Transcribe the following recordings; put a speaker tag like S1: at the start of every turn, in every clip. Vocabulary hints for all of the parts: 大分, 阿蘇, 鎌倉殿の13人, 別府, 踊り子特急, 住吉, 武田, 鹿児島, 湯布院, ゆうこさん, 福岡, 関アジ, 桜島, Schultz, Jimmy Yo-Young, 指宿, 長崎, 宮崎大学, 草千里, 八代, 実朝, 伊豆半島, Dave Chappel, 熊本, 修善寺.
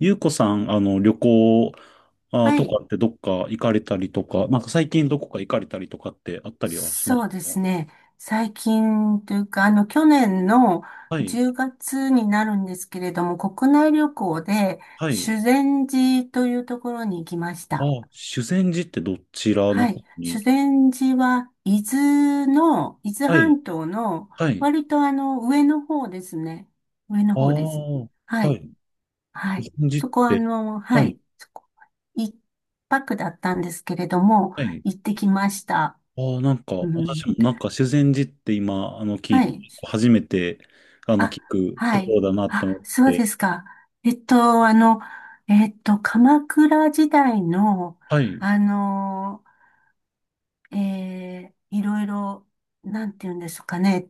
S1: ゆうこさん、旅行あー
S2: は
S1: と
S2: い。
S1: かってどっか行かれたりとか、なんか最近どこか行かれたりとかってあったりはしま
S2: そう
S1: し
S2: で
S1: た
S2: す
S1: か？
S2: ね。最近というか、去年の
S1: はい、
S2: 10月になるんですけれども、国内旅行で
S1: はい。
S2: 修善寺というところに行きまし
S1: あ
S2: た。
S1: ー、修善寺ってどちらの
S2: は
S1: 方
S2: い。
S1: に？
S2: 修善寺は、伊豆
S1: はい、
S2: 半島の、
S1: はい。
S2: 割と上の方ですね。上の
S1: あ
S2: 方です。
S1: あ、
S2: は
S1: は
S2: い。
S1: い。
S2: はい。
S1: 修善寺っ
S2: そこはあ
S1: て、
S2: の、は
S1: はい、
S2: い。そこ、一泊だったんですけれども、
S1: はい。
S2: 行ってきました。
S1: ああ、なんか、
S2: う
S1: 私
S2: ん。
S1: もなんか修善寺って今、聞
S2: は
S1: いて、
S2: い。
S1: 初めて、
S2: あ、
S1: 聞く
S2: は
S1: とこ
S2: い。
S1: ろだなと思っ
S2: あ、そう
S1: て、
S2: ですか。えっと、あの、鎌倉時代の、
S1: はい。
S2: あの、いろいろ、なんて言うんですかね。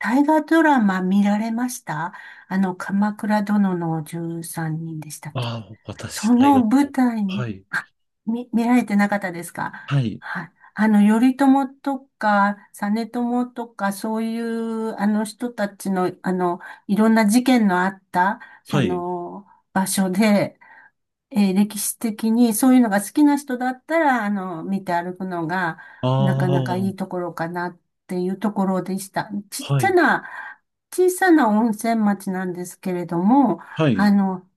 S2: 大河ドラマ見られました？鎌倉殿の13人でしたっけ？
S1: ああ、私、
S2: そ
S1: 大学、
S2: の舞台
S1: は
S2: に、
S1: い、
S2: あ、見られてなかったですか？
S1: はい、
S2: はい。頼朝とか、実朝とか、そういう、あの人たちの、いろんな事件のあった、そ
S1: はい。
S2: の、場所で、歴史的にそういうのが好きな人だったら、見て歩くのが、なかなか
S1: あ
S2: いい
S1: あ、
S2: ところかなっていうところでした。ちっ
S1: は
S2: ちゃ
S1: い、
S2: な、小さな温泉町なんですけれども、
S1: は
S2: あ
S1: い、
S2: の、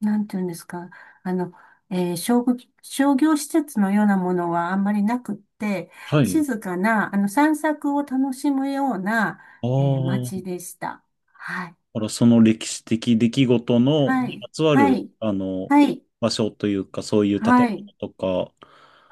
S2: なんていうんですか、あの、えー商業、商業施設のようなものはあんまりなくって、
S1: はい。
S2: 静かな、散策を楽しむような、
S1: ああ、だ
S2: 街でした。はい。
S1: からその歴史的出来事の
S2: は
S1: に
S2: い。
S1: まつわ
S2: は
S1: る、
S2: い。はい。
S1: 場所というか、そういう建
S2: はい。
S1: 物とか、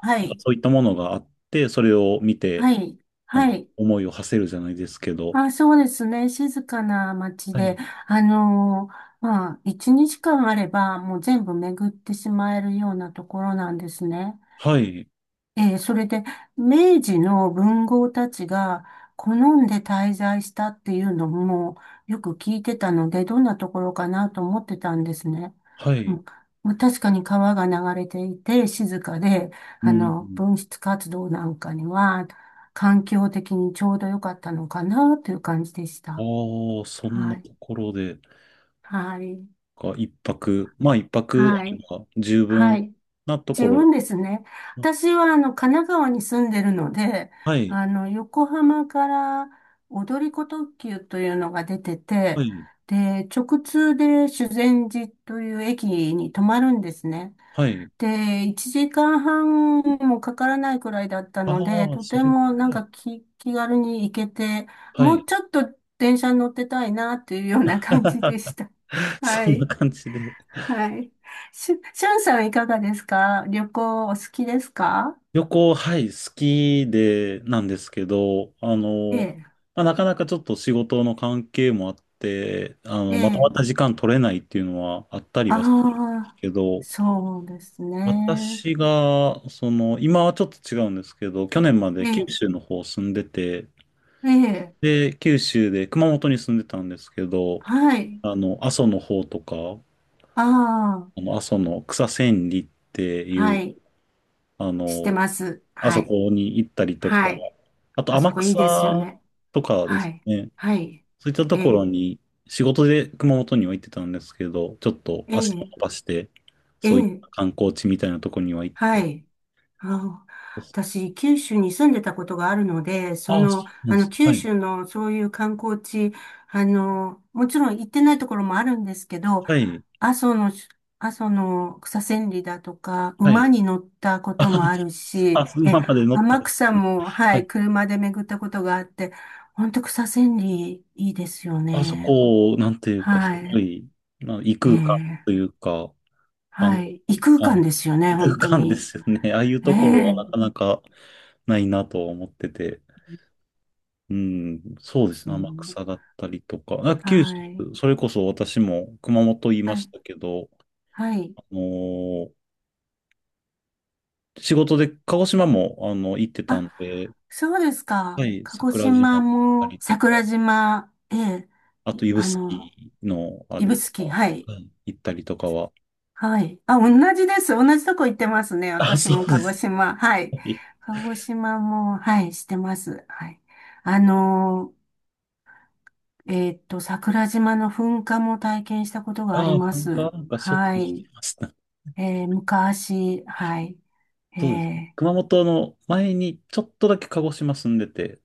S2: は
S1: なんか
S2: い。
S1: そういったものがあって、それを見て、
S2: はい。はい。
S1: 思いを馳せるじゃないですけど。
S2: あ、そうですね。静かな街
S1: は
S2: で、
S1: い。
S2: まあ、一日間あれば、もう全部巡ってしまえるようなところなんですね。
S1: はい、
S2: それで、明治の文豪たちが好んで滞在したっていうのもよく聞いてたので、どんなところかなと思ってたんですね。
S1: は
S2: う
S1: い。
S2: ん、まあ確かに川が流れていて、静かで、
S1: うん。
S2: 文筆活動なんかには、環境的にちょうど良かったのかなという感じでし
S1: あ
S2: た。
S1: あ、そんな
S2: はい。
S1: ところで、
S2: はい。
S1: か一泊、まあ一泊
S2: は
S1: あれ
S2: い。
S1: ば十
S2: は
S1: 分
S2: い。
S1: なとこ
S2: 十
S1: ろ。
S2: 分ですね。私は、神奈川に住んでるので、
S1: はい、
S2: 横浜から踊り子特急というのが出て
S1: は
S2: て、
S1: い、
S2: で、直通で修善寺という駅に止まるんですね。
S1: はい。
S2: で、1時間半もかからないくらいだったので、
S1: ああ、
S2: と
S1: そ
S2: て
S1: れぐ
S2: も
S1: らい
S2: なん
S1: や。
S2: か気軽に行けて、
S1: は
S2: もう
S1: い。
S2: ちょっと電車に乗ってたいなというような感じで した。
S1: そ
S2: は
S1: んな
S2: い。
S1: 感じで。
S2: はい。しゅんさんはいかがですか？旅行お好きですか？
S1: 旅行、はい、好きで、なんですけど、
S2: ええ、
S1: まあ、なかなかちょっと仕事の関係もあって、
S2: え
S1: まとまった
S2: え。
S1: 時間取れないっていうのはあったり
S2: あ
S1: はするんです
S2: あ、
S1: けど、
S2: そうですね。
S1: 私が、その、今はちょっと違うんですけど、去年ま
S2: え
S1: で九
S2: え、
S1: 州の方住んでて、
S2: ええ、
S1: で、九州で熊本に住んでたんですけど、
S2: はい。
S1: 阿蘇の方とか、
S2: ああ、
S1: あの阿蘇の草千里ってい
S2: は
S1: う、
S2: い。
S1: あ
S2: 知って
S1: の、
S2: ます。
S1: あ
S2: は
S1: そ
S2: い。
S1: こに行ったりとか、
S2: はい。
S1: あと
S2: あそ
S1: 天
S2: こいいですよ
S1: 草
S2: ね。
S1: とかで
S2: は
S1: す
S2: い。
S1: ね、
S2: はい。
S1: そういったと
S2: え
S1: ころ
S2: え、
S1: に仕事で熊本には行ってたんですけど、ちょっと
S2: え
S1: 足を
S2: え、
S1: 伸ばして、
S2: え
S1: そういっ
S2: え、
S1: た観光地みたいなところには行っ
S2: は
S1: て、
S2: い。あ私、九州に住んでたことがあるので、
S1: ああ、そうなんです。
S2: 九
S1: はい。
S2: 州のそういう観光地、もちろん行ってないところもあるんですけど、
S1: はい。
S2: 阿蘇の、阿蘇の草千里だとか、
S1: は
S2: 馬
S1: い。
S2: に乗ったこともある し、
S1: あ、馬まで乗ったん
S2: 天
S1: です
S2: 草
S1: ね。
S2: も、は
S1: は
S2: い、
S1: い。
S2: 車で巡ったことがあって、本当草千里いいですよ
S1: あそ
S2: ね。
S1: こ、なんていうか、す
S2: は
S1: ご
S2: い。
S1: い、まあ、異
S2: え
S1: 空間
S2: え、
S1: というか、あの、
S2: はい。異空
S1: は
S2: 間
S1: い、
S2: ですよね、
S1: 異空
S2: 本当
S1: 間で
S2: に。
S1: すよね。ああいう
S2: え
S1: ところは
S2: え、
S1: なかなかないなと思ってて。うん、そう
S2: で
S1: です
S2: す
S1: ね。天
S2: ね。
S1: 草だったりとか。あ
S2: は
S1: 九州、
S2: い。
S1: それこそ私も熊本言い
S2: は
S1: まし
S2: い、
S1: たけど、
S2: はい。
S1: あのー仕事で鹿児島も、行ってた
S2: あ、
S1: んで、
S2: そうです
S1: は
S2: か。
S1: い、
S2: 鹿児
S1: 桜島だ
S2: 島
S1: った
S2: も
S1: りとか、
S2: 桜島、ええ、
S1: あ
S2: い
S1: と指
S2: あ
S1: 宿
S2: の、
S1: のあれ
S2: 指
S1: とか、
S2: 宿、はい。
S1: はい、行ったりとかは。
S2: はい。あ、同じです。同じとこ行ってますね。
S1: あ、
S2: 私
S1: そ
S2: も
S1: うで
S2: 鹿児
S1: す
S2: 島、はい。
S1: ね。
S2: 鹿児島も、はい、してます。はい。あの桜島の噴火も体験したことがあ
S1: あ
S2: り
S1: あ、
S2: ま
S1: なんか、
S2: す。
S1: なんかしょっち
S2: は
S1: ゅうして
S2: い。
S1: ました。
S2: 昔、はい。
S1: そうですね。
S2: えー、
S1: 熊本の前にちょっとだけ鹿児島住んでて、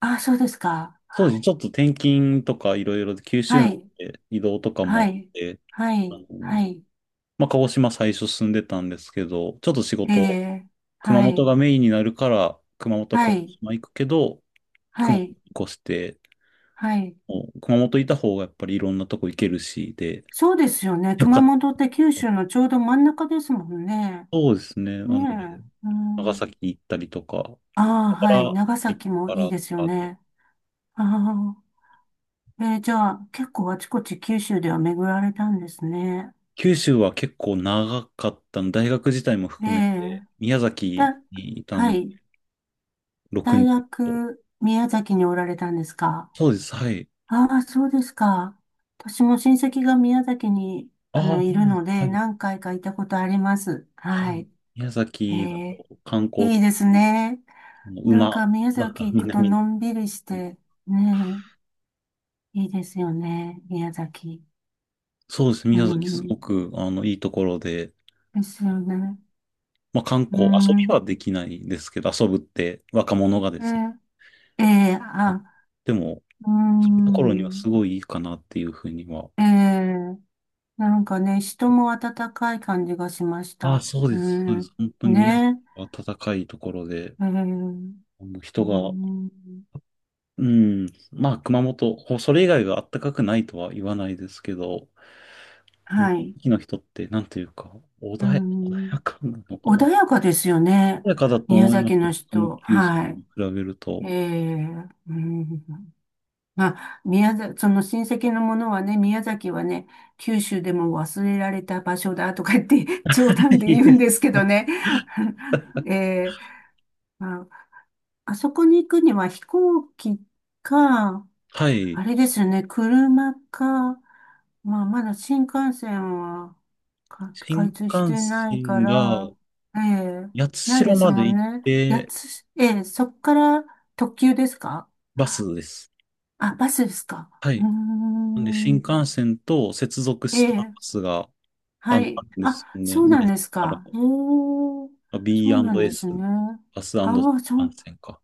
S2: あ、そうですか。
S1: そうですね。ちょっと転勤とかいろいろで、九州
S2: は
S1: の
S2: い。
S1: 移動とかもあ
S2: は
S1: っ
S2: い。
S1: て、
S2: は
S1: あ
S2: い。
S1: の、
S2: はい。
S1: まあ、鹿児島最初住んでたんですけど、ちょっと仕
S2: え
S1: 事、
S2: え、
S1: 熊
S2: は
S1: 本が
S2: い、
S1: メインになるから、熊本、鹿
S2: は
S1: 児
S2: い、
S1: 島行くけど、
S2: は
S1: 熊本に
S2: い、
S1: 越して、
S2: はい。
S1: もう熊本いた方がやっぱりいろんなとこ行けるし、で、
S2: そうですよね。
S1: よか
S2: 熊
S1: った。
S2: 本って九州のちょうど真ん中ですもんね。
S1: そうですね。
S2: ね
S1: なので、
S2: え。う
S1: 長
S2: ん、
S1: 崎行ったりとか、
S2: ああ、
S1: だか
S2: はい。
S1: ら
S2: 長
S1: 行っ
S2: 崎も
S1: たか
S2: いい
S1: らと
S2: ですよ
S1: かで、
S2: ね。ああ、じゃあ、結構あちこち九州では巡られたんですね。
S1: 九州は結構長かったの、大学自体も
S2: え
S1: 含めて、
S2: え、
S1: 宮崎
S2: だ、
S1: にいた
S2: は
S1: ん
S2: い。
S1: 6
S2: 大
S1: 年。
S2: 学、宮崎におられたんですか？
S1: そうです。はい。
S2: ああ、そうですか。私も親戚が宮崎に、
S1: ああ、
S2: いるので、
S1: はい。
S2: 何回か行ったことあります。
S1: は
S2: は
S1: い。
S2: い。
S1: 宮
S2: え
S1: 崎だ
S2: え、
S1: と観光
S2: いいですね。
S1: あの
S2: なん
S1: 馬、
S2: か宮
S1: 馬
S2: 崎
S1: が
S2: 行くと
S1: 南に。
S2: のんびりして、ねえ、いいですよね。宮崎。
S1: そうですね、
S2: う
S1: 宮崎すご
S2: ん。
S1: く、いいところで、
S2: ですよね。
S1: まあ観
S2: う
S1: 光、遊びは
S2: ん。
S1: できないですけど、遊ぶって若者がですね。
S2: ねええ、
S1: あ
S2: あ、
S1: でも、
S2: う
S1: そういうところには
S2: ん。
S1: すごいいいかなっていうふうには。
S2: ええ、なんかね、人も温かい感じがしまし
S1: ああ、
S2: た。
S1: そう
S2: う
S1: です。そうで
S2: ん。
S1: す。本当に宮崎
S2: ね
S1: は暖かいところで、
S2: え。ええ、
S1: あの
S2: うー
S1: 人が、
S2: ん、
S1: うん、まあ熊本、ほそれ以外は暖かくないとは言わないですけど、地
S2: はい。
S1: 域の人って、なんというか、
S2: うー
S1: 穏
S2: ん。
S1: やかなのかな、
S2: 穏
S1: 穏
S2: やかですよね。
S1: やかだと
S2: 宮
S1: 思いま
S2: 崎
S1: す。
S2: の
S1: 他の
S2: 人。
S1: 九州
S2: はい。
S1: に比べると。
S2: ええ、うん。まあ、その親戚のものはね、宮崎はね、九州でも忘れられた場所だとか言って 冗談 で
S1: い
S2: 言う
S1: え、
S2: んですけどね。ええ、まあ、あそこに行くには飛行機か、
S1: はい。
S2: あれですよね、車か、まあ、まだ新幹線か開
S1: 新
S2: 通し
S1: 幹
S2: てないか
S1: 線が、
S2: ら、ええ、な
S1: 八
S2: いで
S1: 代
S2: す
S1: ま
S2: も
S1: で
S2: ん
S1: 行っ
S2: ね。
S1: て、
S2: ええ、そっから特急ですか？
S1: バスです。
S2: あ、バスですか？
S1: は
S2: うー
S1: い。なんで、新
S2: ん、
S1: 幹線と接続
S2: え
S1: したバ
S2: え、
S1: スが、
S2: は
S1: あ
S2: い。
S1: るんです
S2: あ、
S1: よね。
S2: そうな
S1: 皆
S2: ん
S1: さ
S2: です
S1: んか
S2: か。ええ、
S1: ら、
S2: そうなんで
S1: B&S、
S2: すね。
S1: バス新幹
S2: ああ、そう、
S1: 線か。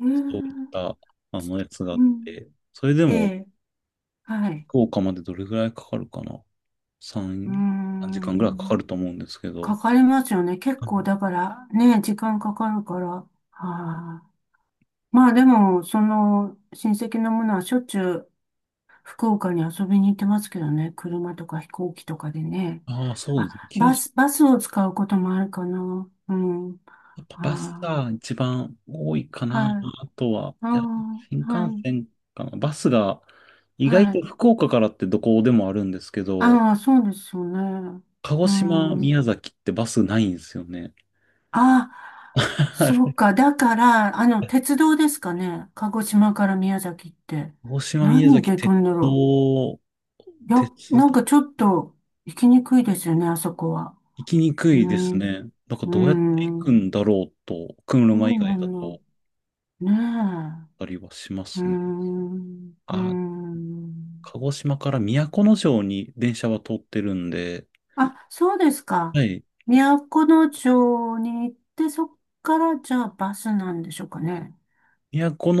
S2: え
S1: そういっ
S2: え、
S1: た、やつがあ
S2: う
S1: っ
S2: ん、
S1: て、それで
S2: え
S1: も、
S2: え、はい。
S1: 福岡までどれぐらいかかるかな。
S2: う
S1: 3、
S2: ー
S1: 3時間ぐらいかか
S2: ん、
S1: ると思うんですけど。
S2: かかりますよね。結構だからね、時間かかるから。ああ、まあでも、その親戚のものはしょっちゅう福岡に遊びに行ってますけどね。車とか飛行機とかでね。
S1: ああー、そうですね。
S2: あ、
S1: 九
S2: バ
S1: 州、
S2: ス、バスを使うこともあるかな。うん。は
S1: やっぱバス
S2: あ、
S1: が一番多いかな。
S2: はい。
S1: あとは、
S2: あ
S1: いや、新
S2: あ、は
S1: 幹
S2: い。
S1: 線かな。バスが、意外
S2: は
S1: と
S2: い。
S1: 福岡からってどこでもあるんですけど、
S2: ああ、そうですよね。
S1: 鹿児
S2: う
S1: 島、宮
S2: ん。
S1: 崎ってバスないんですよね。
S2: あ、
S1: は
S2: そう
S1: い。
S2: か。だから、鉄道ですかね。鹿児島から宮崎って。
S1: 鹿児島、宮
S2: 何
S1: 崎、
S2: で行く
S1: 鉄
S2: んだろ
S1: 道、
S2: う。いや、
S1: 鉄
S2: なん
S1: 道、
S2: かちょっと行きにくいですよね、あそこは。
S1: 行きにく
S2: う
S1: いです
S2: ん、
S1: ね。なんか
S2: う
S1: どうやって行く
S2: ん、
S1: んだろうと、
S2: そ
S1: 車以
S2: う
S1: 外
S2: な
S1: だ
S2: ん
S1: と、
S2: だ。ね
S1: あったりはしま
S2: え。う
S1: すね。
S2: ん、う
S1: ああ、
S2: ん。
S1: 鹿児島から都城に電車は通ってるんで、
S2: あ、そうですか。
S1: はい。
S2: 都城に行って、そっからじゃあバスなんでしょうかね。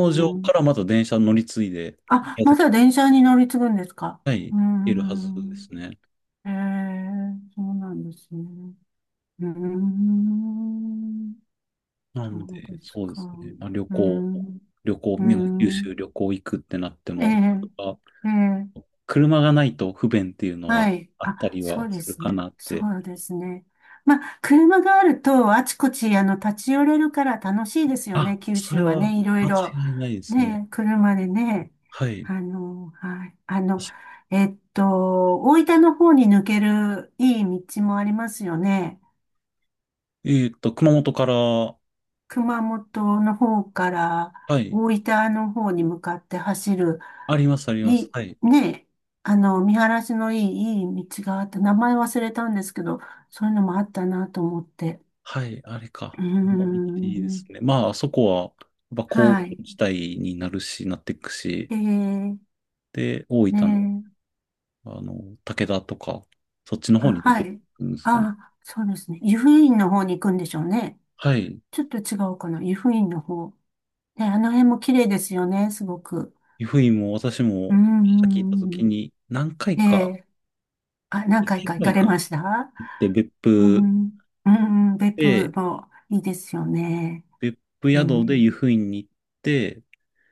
S2: う
S1: 城か
S2: ん、
S1: らまた電車乗り継いで、
S2: あ、
S1: 宮
S2: ま
S1: 崎、
S2: だ電車に乗り継ぐんですか？
S1: はい、
S2: う
S1: 行
S2: ー
S1: けるはずで
S2: ん。
S1: すね。
S2: ええ、そうなんですね。うーん。
S1: な
S2: そ
S1: ん
S2: うで
S1: で、
S2: す
S1: そうで
S2: か。
S1: すね。まあ、
S2: うーん。
S1: 旅行、
S2: うー
S1: 宮崎九
S2: ん。
S1: 州旅行行くってなって
S2: え
S1: も、
S2: え、
S1: あ
S2: ええ、
S1: 車がないと不便っていうのは
S2: はい。
S1: あった
S2: あ、
S1: り
S2: そ
S1: は
S2: うで
S1: する
S2: す
S1: か
S2: ね。
S1: なっ
S2: そ
S1: て。
S2: うですね。まあ、車があると、あちこち、立ち寄れるから楽しいですよ
S1: あ、
S2: ね、九
S1: それ
S2: 州は
S1: は
S2: ね、いろい
S1: 間
S2: ろ。
S1: 違いないですね。
S2: ね、車でね、
S1: はい。
S2: はい、大分の方に抜けるいい道もありますよね。
S1: えっと、熊本から、は
S2: 熊本の方から
S1: い。
S2: 大分の方に向かって走る、
S1: あります、ありま
S2: い
S1: す。
S2: い、
S1: はい。
S2: ね、見晴らしのいい道があって、名前忘れたんですけど、そういうのもあったなと思って。
S1: はい、あれ
S2: う
S1: か。
S2: ー
S1: いいです
S2: ん、
S1: ね。まあ、あそこは、やっぱ工
S2: はい。
S1: 業地帯になるし、なっていくし、
S2: えー、
S1: で、大分の、
S2: ね、
S1: あの、武田とか、そっちの
S2: あ、
S1: 方に出
S2: は
S1: て
S2: い。
S1: くるんですかね。
S2: あ、そうですね。湯布院の方に行くんでしょうね。
S1: はい。
S2: ちょっと違うかな。湯布院の方。ね、あの辺も綺麗ですよね、すごく。
S1: 湯布院も私
S2: う
S1: も、さっき行っ
S2: ん、
S1: た
S2: うん、
S1: 時に、何回
S2: うん、え
S1: か、
S2: え、あ、何
S1: 一
S2: 回
S1: 回
S2: か行
S1: ぐら
S2: か
S1: い
S2: れ
S1: かな
S2: ました？
S1: って、別
S2: う
S1: 府
S2: ん、うん、うん、別府
S1: で、
S2: もいいですよね。
S1: 別府
S2: う
S1: 宿で
S2: ん、
S1: 湯布院に行って、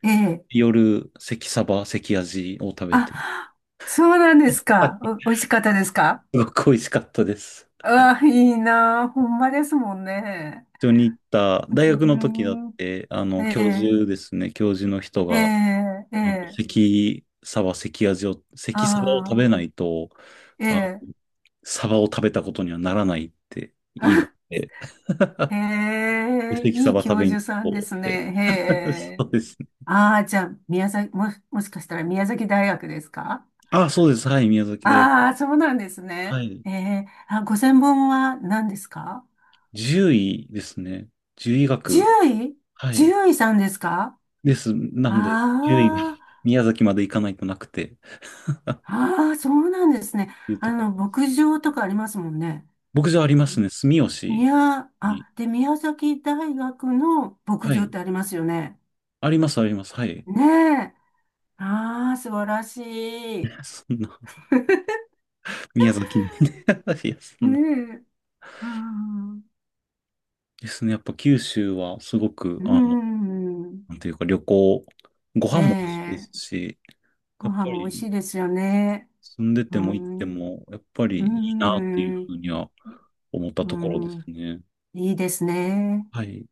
S2: ええ、
S1: 夜、関サバ、関アジを食べて、
S2: あ、そうなん で
S1: や
S2: す
S1: っぱ
S2: か。
S1: り
S2: お、美味しかったですか？
S1: すごく美味しかったです。
S2: あ、いいなあ。ほんまですもんね。
S1: 一緒に行った、大学の時だっ
S2: う
S1: て、
S2: ん、
S1: 教
S2: え
S1: 授で
S2: え、
S1: すね、教授の人が、
S2: ええ、ええ、
S1: 関サバ、関アジを、関サバを食
S2: あ
S1: べな
S2: あ。
S1: いと、
S2: え
S1: あ、
S2: え。
S1: サバを食べたことにはならないって言い出し て、
S2: あ、
S1: で
S2: へえ、
S1: 関
S2: い
S1: サ
S2: い
S1: バ食
S2: 教
S1: べに
S2: 授さ
S1: 行
S2: んで
S1: こ
S2: す
S1: う
S2: ね。
S1: って。
S2: へえ。
S1: そうですね。
S2: ああ、じゃあ、宮崎、も、もしかしたら宮崎大学ですか？
S1: あ、そうです。はい、宮崎大学。
S2: ああー、そうなんです
S1: は
S2: ね。
S1: い。
S2: ええ、あ、ご専門は何ですか？
S1: 獣医ですね。獣医
S2: 獣
S1: 学。
S2: 医？
S1: はい。
S2: 獣医さんですか？
S1: です。なんで、獣医が
S2: あ あ、
S1: 宮崎まで行かないとなくて
S2: ああ、そうなんですね。
S1: いうとこ。
S2: 牧場とかありますもんね。
S1: 僕じゃありますね。住吉に。
S2: あ、で、宮崎大学の牧
S1: は
S2: 場っ
S1: い。
S2: てありますよね。
S1: あります、あります。はい。
S2: ねえ。ああ、素晴らしい。
S1: そんな、宮崎なんで いや、そんな。
S2: ねえ。ああ、
S1: ですね。やっぱ九州はすごく、
S2: うん。
S1: なんていうか旅行、ご
S2: え
S1: 飯も美味しいで
S2: え。
S1: すし、
S2: ご
S1: やっ
S2: 飯
S1: ぱ
S2: も美味し
S1: り
S2: いですよね。
S1: 住んで
S2: う
S1: ても行って
S2: ん。
S1: も、やっぱ
S2: う
S1: りいいなっていうふ
S2: ん。
S1: うには思った
S2: う
S1: ところです
S2: ん。
S1: ね。
S2: いいですね。
S1: はい。